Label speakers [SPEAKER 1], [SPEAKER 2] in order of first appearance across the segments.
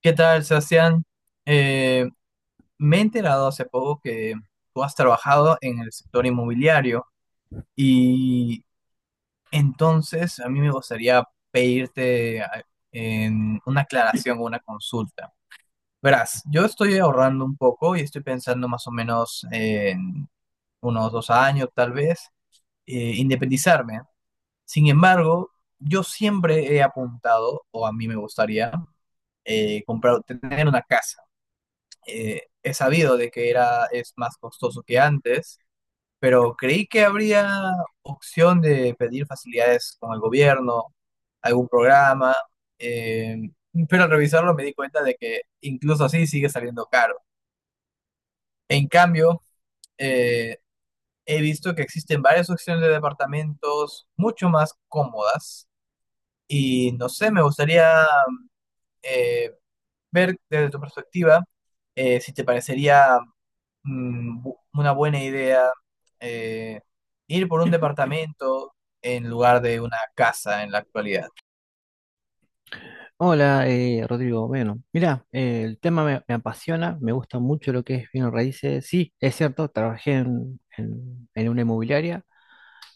[SPEAKER 1] ¿Qué tal, Sebastián? Eh, Me he enterado hace poco que tú has trabajado en el sector inmobiliario y entonces a mí me gustaría pedirte en una aclaración o una consulta. Verás, yo estoy ahorrando un poco y estoy pensando más o menos en unos dos años, tal vez, independizarme. Sin embargo, yo siempre he apuntado, o a mí me gustaría, comprar, tener una casa. He sabido de que era, es más costoso que antes, pero creí que habría opción de pedir facilidades con el gobierno, algún programa, eh, pero al revisarlo me di cuenta de que incluso así sigue saliendo caro. En cambio, eh, he visto que existen varias opciones de departamentos mucho más cómodas y no sé, me gustaría eh, ver desde tu perspectiva, si te parecería una buena idea, eh, ir por un departamento en lugar de una casa en la actualidad.
[SPEAKER 2] Hola, Rodrigo. Bueno, mira, el tema me apasiona, me gusta mucho lo que es bienes raíces. Sí, es cierto, trabajé en una inmobiliaria.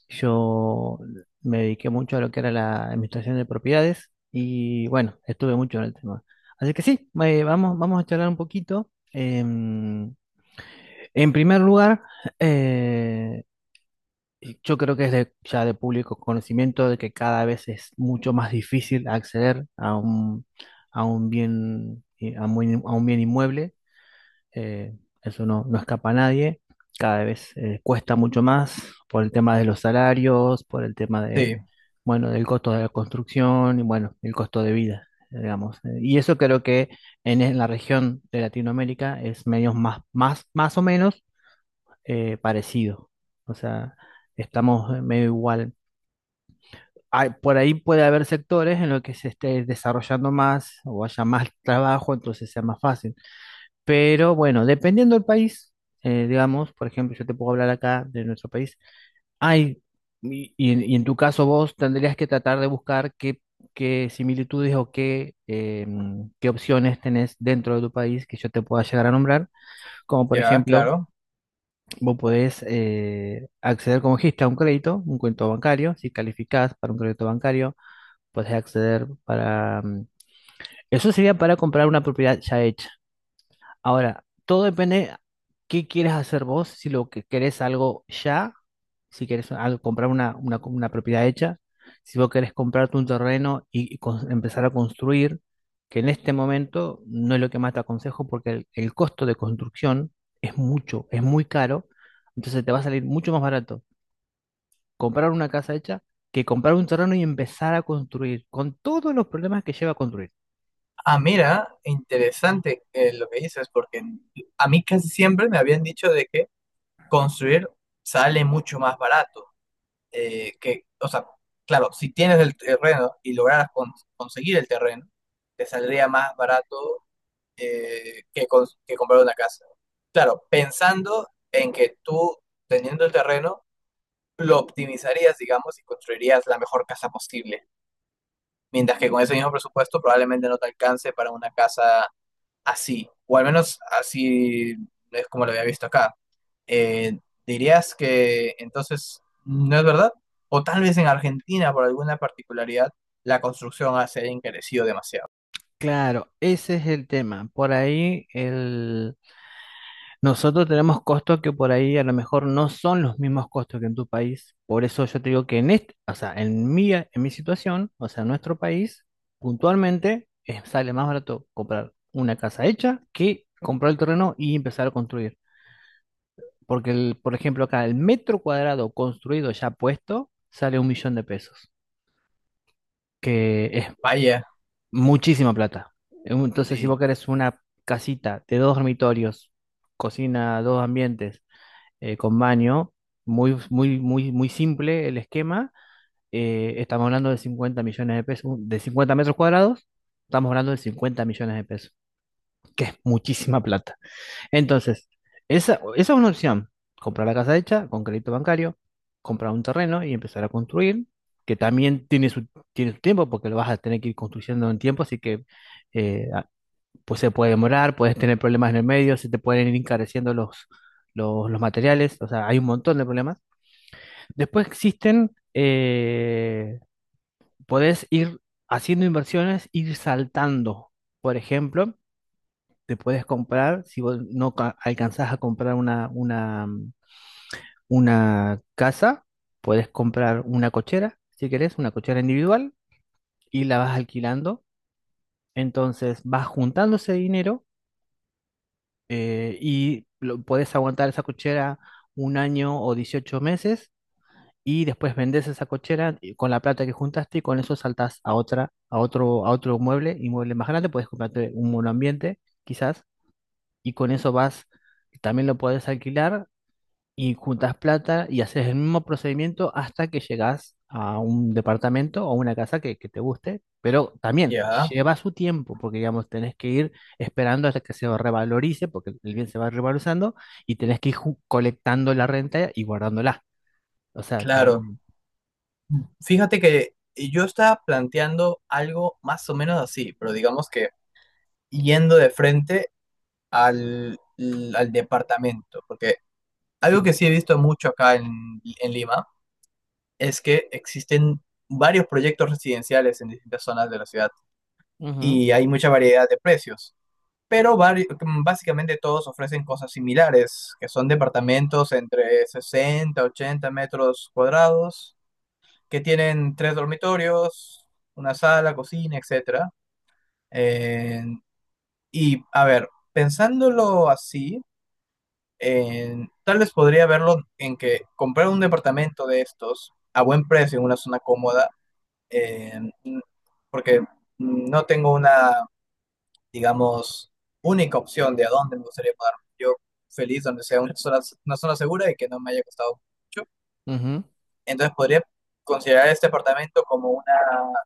[SPEAKER 2] Yo me dediqué mucho a lo que era la administración de propiedades y bueno, estuve mucho en el tema. Así que sí, vamos a charlar un poquito. En primer lugar, eh, Yo creo que es ya de público conocimiento de que cada vez es mucho más difícil acceder a un bien, a un bien inmueble. Eh, Eso no escapa a nadie. Cada vez cuesta mucho más por el tema de los salarios, por el tema de,
[SPEAKER 1] Sí,
[SPEAKER 2] bueno, del costo de la construcción y bueno, el costo de vida, digamos. Y eso creo que en la región de Latinoamérica es medio más o menos parecido. O sea, estamos medio igual. Por ahí puede haber sectores en los que se esté desarrollando más o haya más trabajo, entonces sea más fácil. Pero bueno, dependiendo del país, digamos, por ejemplo, yo te puedo hablar acá de nuestro país, hay, y en tu caso vos tendrías que tratar de buscar qué, qué similitudes o qué opciones tenés dentro de tu país que yo te pueda llegar a nombrar, como por
[SPEAKER 1] ya,
[SPEAKER 2] ejemplo.
[SPEAKER 1] claro.
[SPEAKER 2] Vos podés acceder como dijiste a un crédito, un cuento bancario, si calificás para un crédito bancario, podés acceder. Eso sería para comprar una propiedad ya hecha. Ahora, todo depende qué quieres hacer vos, si lo que querés algo ya, si querés comprar una propiedad hecha, si vos querés comprarte un terreno y empezar a construir, que en este momento no es lo que más te aconsejo porque el costo de construcción es muy caro, entonces te va a salir mucho más barato comprar una casa hecha que comprar un terreno y empezar a construir, con todos los problemas que lleva a construir.
[SPEAKER 1] Ah, mira, interesante lo que dices, porque a mí casi siempre me habían dicho de que construir sale mucho más barato. O sea, claro, si tienes el terreno y lograras conseguir el terreno, te saldría más barato, que comprar una casa. Claro, pensando en que tú, teniendo el terreno, lo optimizarías, digamos, y construirías la mejor casa posible. Mientras que con ese mismo presupuesto probablemente no te alcance para una casa así, o al menos así es como lo había visto acá. Eh, Dirías que entonces no es verdad, o tal vez en Argentina, por alguna particularidad, la construcción se haya encarecido demasiado.
[SPEAKER 2] Claro, ese es el tema. Nosotros tenemos costos que por ahí a lo mejor no son los mismos costos que en tu país. Por eso yo te digo que o sea, en mi situación, o sea, en nuestro país, puntualmente, sale más barato comprar una casa hecha que comprar el terreno y empezar a construir. Porque, por ejemplo, acá el metro cuadrado construido ya puesto sale 1 millón de pesos, que es
[SPEAKER 1] Vaya,
[SPEAKER 2] muchísima plata. Entonces, si vos
[SPEAKER 1] sí,
[SPEAKER 2] querés una casita de dos dormitorios, cocina, dos ambientes, con baño, muy, muy, muy, muy simple el esquema. Estamos hablando de 50 millones de pesos, de 50 metros cuadrados, estamos hablando de 50 millones de pesos, que es muchísima plata. Entonces, esa es una opción, comprar la casa hecha con crédito bancario, comprar un terreno y empezar a construir, que también tiene su tiempo, porque lo vas a tener que ir construyendo en tiempo, así que eh, a- pues se puede demorar, puedes tener problemas en el medio, se te pueden ir encareciendo los materiales, o sea, hay un montón de problemas. Después podés ir haciendo inversiones, ir saltando. Por ejemplo, te puedes comprar, si vos no alcanzás a comprar una casa, puedes comprar una cochera, si querés, una cochera individual, y la vas alquilando. Entonces vas juntando ese dinero, podés aguantar esa cochera un año o 18 meses y después vendes esa cochera y con la plata que juntaste y con eso saltas a otro inmueble más grande, puedes comprarte un monoambiente, quizás, y con eso vas, también lo puedes alquilar y juntas plata y haces el mismo procedimiento hasta que llegas a un departamento o una casa que te guste, pero también
[SPEAKER 1] ya,
[SPEAKER 2] lleva su tiempo, porque digamos, tenés que ir esperando hasta que se revalorice, porque el bien se va revalorizando, y tenés que ir colectando la renta y guardándola. O sea,
[SPEAKER 1] claro.
[SPEAKER 2] también,
[SPEAKER 1] Fíjate que yo estaba planteando algo más o menos así, pero digamos que yendo de frente al, al departamento, porque algo
[SPEAKER 2] sí.
[SPEAKER 1] que sí he visto mucho acá en Lima es que existen varios proyectos residenciales en distintas zonas de la ciudad
[SPEAKER 2] Ujú,
[SPEAKER 1] y hay mucha variedad de precios, pero básicamente todos ofrecen cosas similares, que son departamentos entre 60, 80 metros cuadrados que tienen tres dormitorios, una sala, cocina, etcétera. Eh, y a ver, pensándolo así, tal vez podría verlo en que comprar un departamento de estos a buen precio en una zona cómoda, eh, porque no tengo una, digamos, única opción de a dónde me gustaría mudarme. Yo feliz donde sea una zona segura y que no me haya costado mucho.
[SPEAKER 2] ujú,
[SPEAKER 1] Entonces podría considerar este apartamento como una,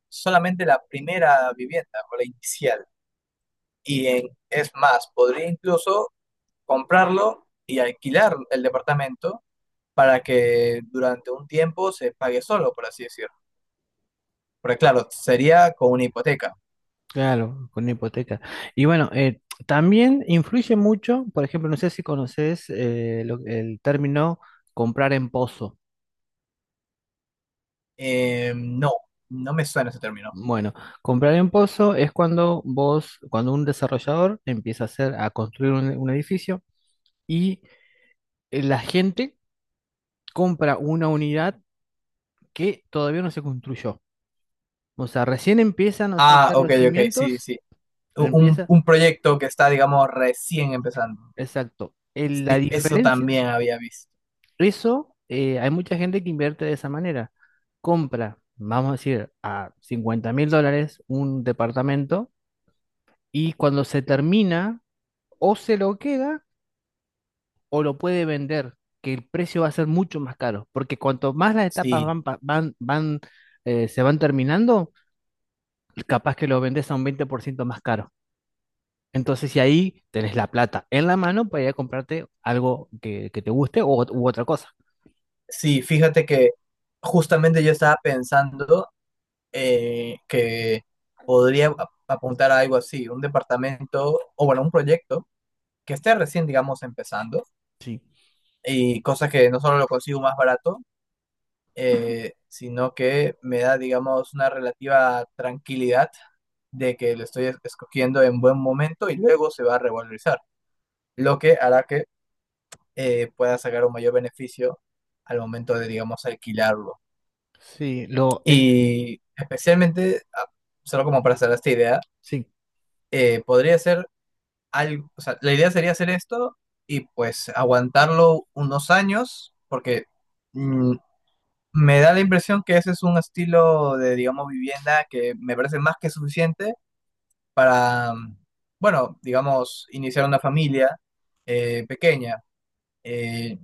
[SPEAKER 1] solamente la primera vivienda o la inicial. Y es más, podría incluso comprarlo y alquilar el departamento para que durante un tiempo se pague solo, por así decirlo. Porque claro, sería con una hipoteca.
[SPEAKER 2] claro, con una hipoteca. Y bueno, también influye mucho, por ejemplo, no sé si conoces el término comprar en pozo.
[SPEAKER 1] No, no me suena ese término.
[SPEAKER 2] Bueno, comprar en pozo es cuando cuando un desarrollador empieza a construir un edificio y la gente compra una unidad que todavía no se construyó. O sea, recién empiezan, o sea, a
[SPEAKER 1] Ah,
[SPEAKER 2] hacer
[SPEAKER 1] ok,
[SPEAKER 2] los
[SPEAKER 1] ok, sí,
[SPEAKER 2] cimientos,
[SPEAKER 1] sí.
[SPEAKER 2] empieza,
[SPEAKER 1] Un proyecto que está, digamos, recién empezando.
[SPEAKER 2] exacto. El- la
[SPEAKER 1] Sí, eso
[SPEAKER 2] diferencia
[SPEAKER 1] también había visto.
[SPEAKER 2] Eso, hay mucha gente que invierte de esa manera. Compra, vamos a decir, a 50.000 dólares un departamento, y cuando se termina, o se lo queda o lo puede vender, que el precio va a ser mucho más caro, porque cuanto más las etapas
[SPEAKER 1] Sí.
[SPEAKER 2] van, pa- van, van, se van terminando, capaz que lo vendes a un 20% más caro. Entonces, si ahí tenés la plata en la mano para ir a comprarte algo que te guste u otra cosa.
[SPEAKER 1] Sí, fíjate que justamente yo estaba pensando, que podría apuntar a algo así, un departamento o bueno, un proyecto que esté recién, digamos, empezando y cosas que no solo lo consigo más barato, sino que me da, digamos, una relativa tranquilidad de que lo estoy escogiendo en buen momento y luego se va a revalorizar, lo que hará que pueda sacar un mayor beneficio al momento de, digamos, alquilarlo.
[SPEAKER 2] Sí,
[SPEAKER 1] Y especialmente, ah, solo como para hacer esta idea,
[SPEAKER 2] sí,
[SPEAKER 1] podría ser algo, o sea, la idea sería hacer esto y pues aguantarlo unos años, porque mm, me da la impresión que ese es un estilo de, digamos, vivienda que me parece más que suficiente para, bueno, digamos, iniciar una familia, pequeña. Eh,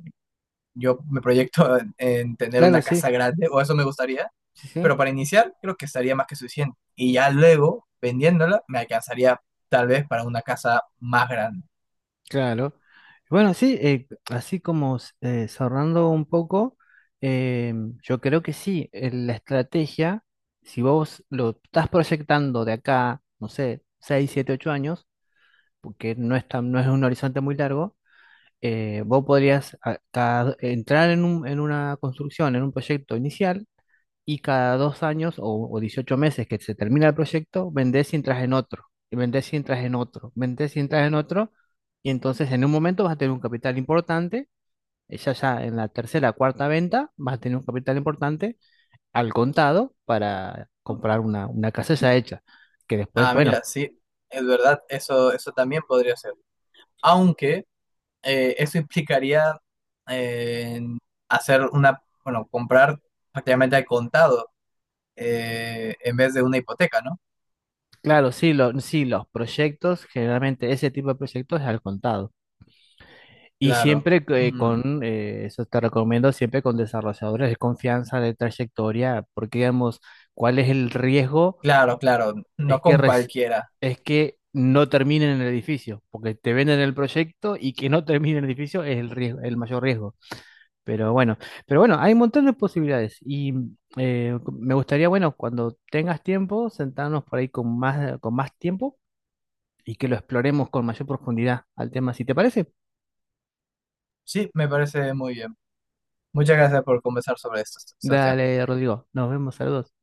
[SPEAKER 1] yo me proyecto en tener
[SPEAKER 2] claro,
[SPEAKER 1] una
[SPEAKER 2] sí,
[SPEAKER 1] casa grande, o eso me gustaría,
[SPEAKER 2] sí, sí.
[SPEAKER 1] pero para iniciar creo que estaría más que suficiente. Y ya luego, vendiéndola, me alcanzaría tal vez para una casa más grande.
[SPEAKER 2] Claro. Bueno, sí, así como cerrando un poco, eh, yo creo que sí, la estrategia, si vos lo estás proyectando de acá, no sé, 6, 7, 8 años, porque no es un horizonte muy largo, vos podrías entrar en en una construcción, en un proyecto inicial, y cada 2 años o 18 meses que se termina el proyecto, vendés y entras en otro, y vendés y entras en otro, vendés y entras en otro, y entonces en un momento vas a tener un capital importante, ya en la tercera, cuarta venta, vas a tener un capital importante al contado para comprar una casa ya hecha, que después,
[SPEAKER 1] Ah, mira,
[SPEAKER 2] bueno,
[SPEAKER 1] sí, es verdad, eso también podría ser. Aunque eso implicaría eh, hacer una, bueno, comprar prácticamente al contado, en vez de una hipoteca, ¿no?
[SPEAKER 2] claro, sí, sí, los proyectos, generalmente ese tipo de proyectos es al contado. Y
[SPEAKER 1] Claro,
[SPEAKER 2] siempre
[SPEAKER 1] mm,
[SPEAKER 2] eso te recomiendo, siempre con desarrolladores de confianza, de trayectoria, porque digamos, ¿cuál es el riesgo?
[SPEAKER 1] claro, claro,
[SPEAKER 2] Es
[SPEAKER 1] no
[SPEAKER 2] que,
[SPEAKER 1] con
[SPEAKER 2] reci-
[SPEAKER 1] cualquiera.
[SPEAKER 2] es que no terminen en el edificio, porque te venden el proyecto y que no termine en el edificio es el riesgo, el mayor riesgo. Pero bueno, pero bueno, hay un montón de posibilidades y me gustaría, bueno, cuando tengas tiempo, sentarnos por ahí con más tiempo y que lo exploremos con mayor profundidad al tema, si te parece.
[SPEAKER 1] Sí, me parece muy bien. Muchas gracias por conversar sobre esto, Sebastián.
[SPEAKER 2] Dale, Rodrigo, nos vemos, saludos.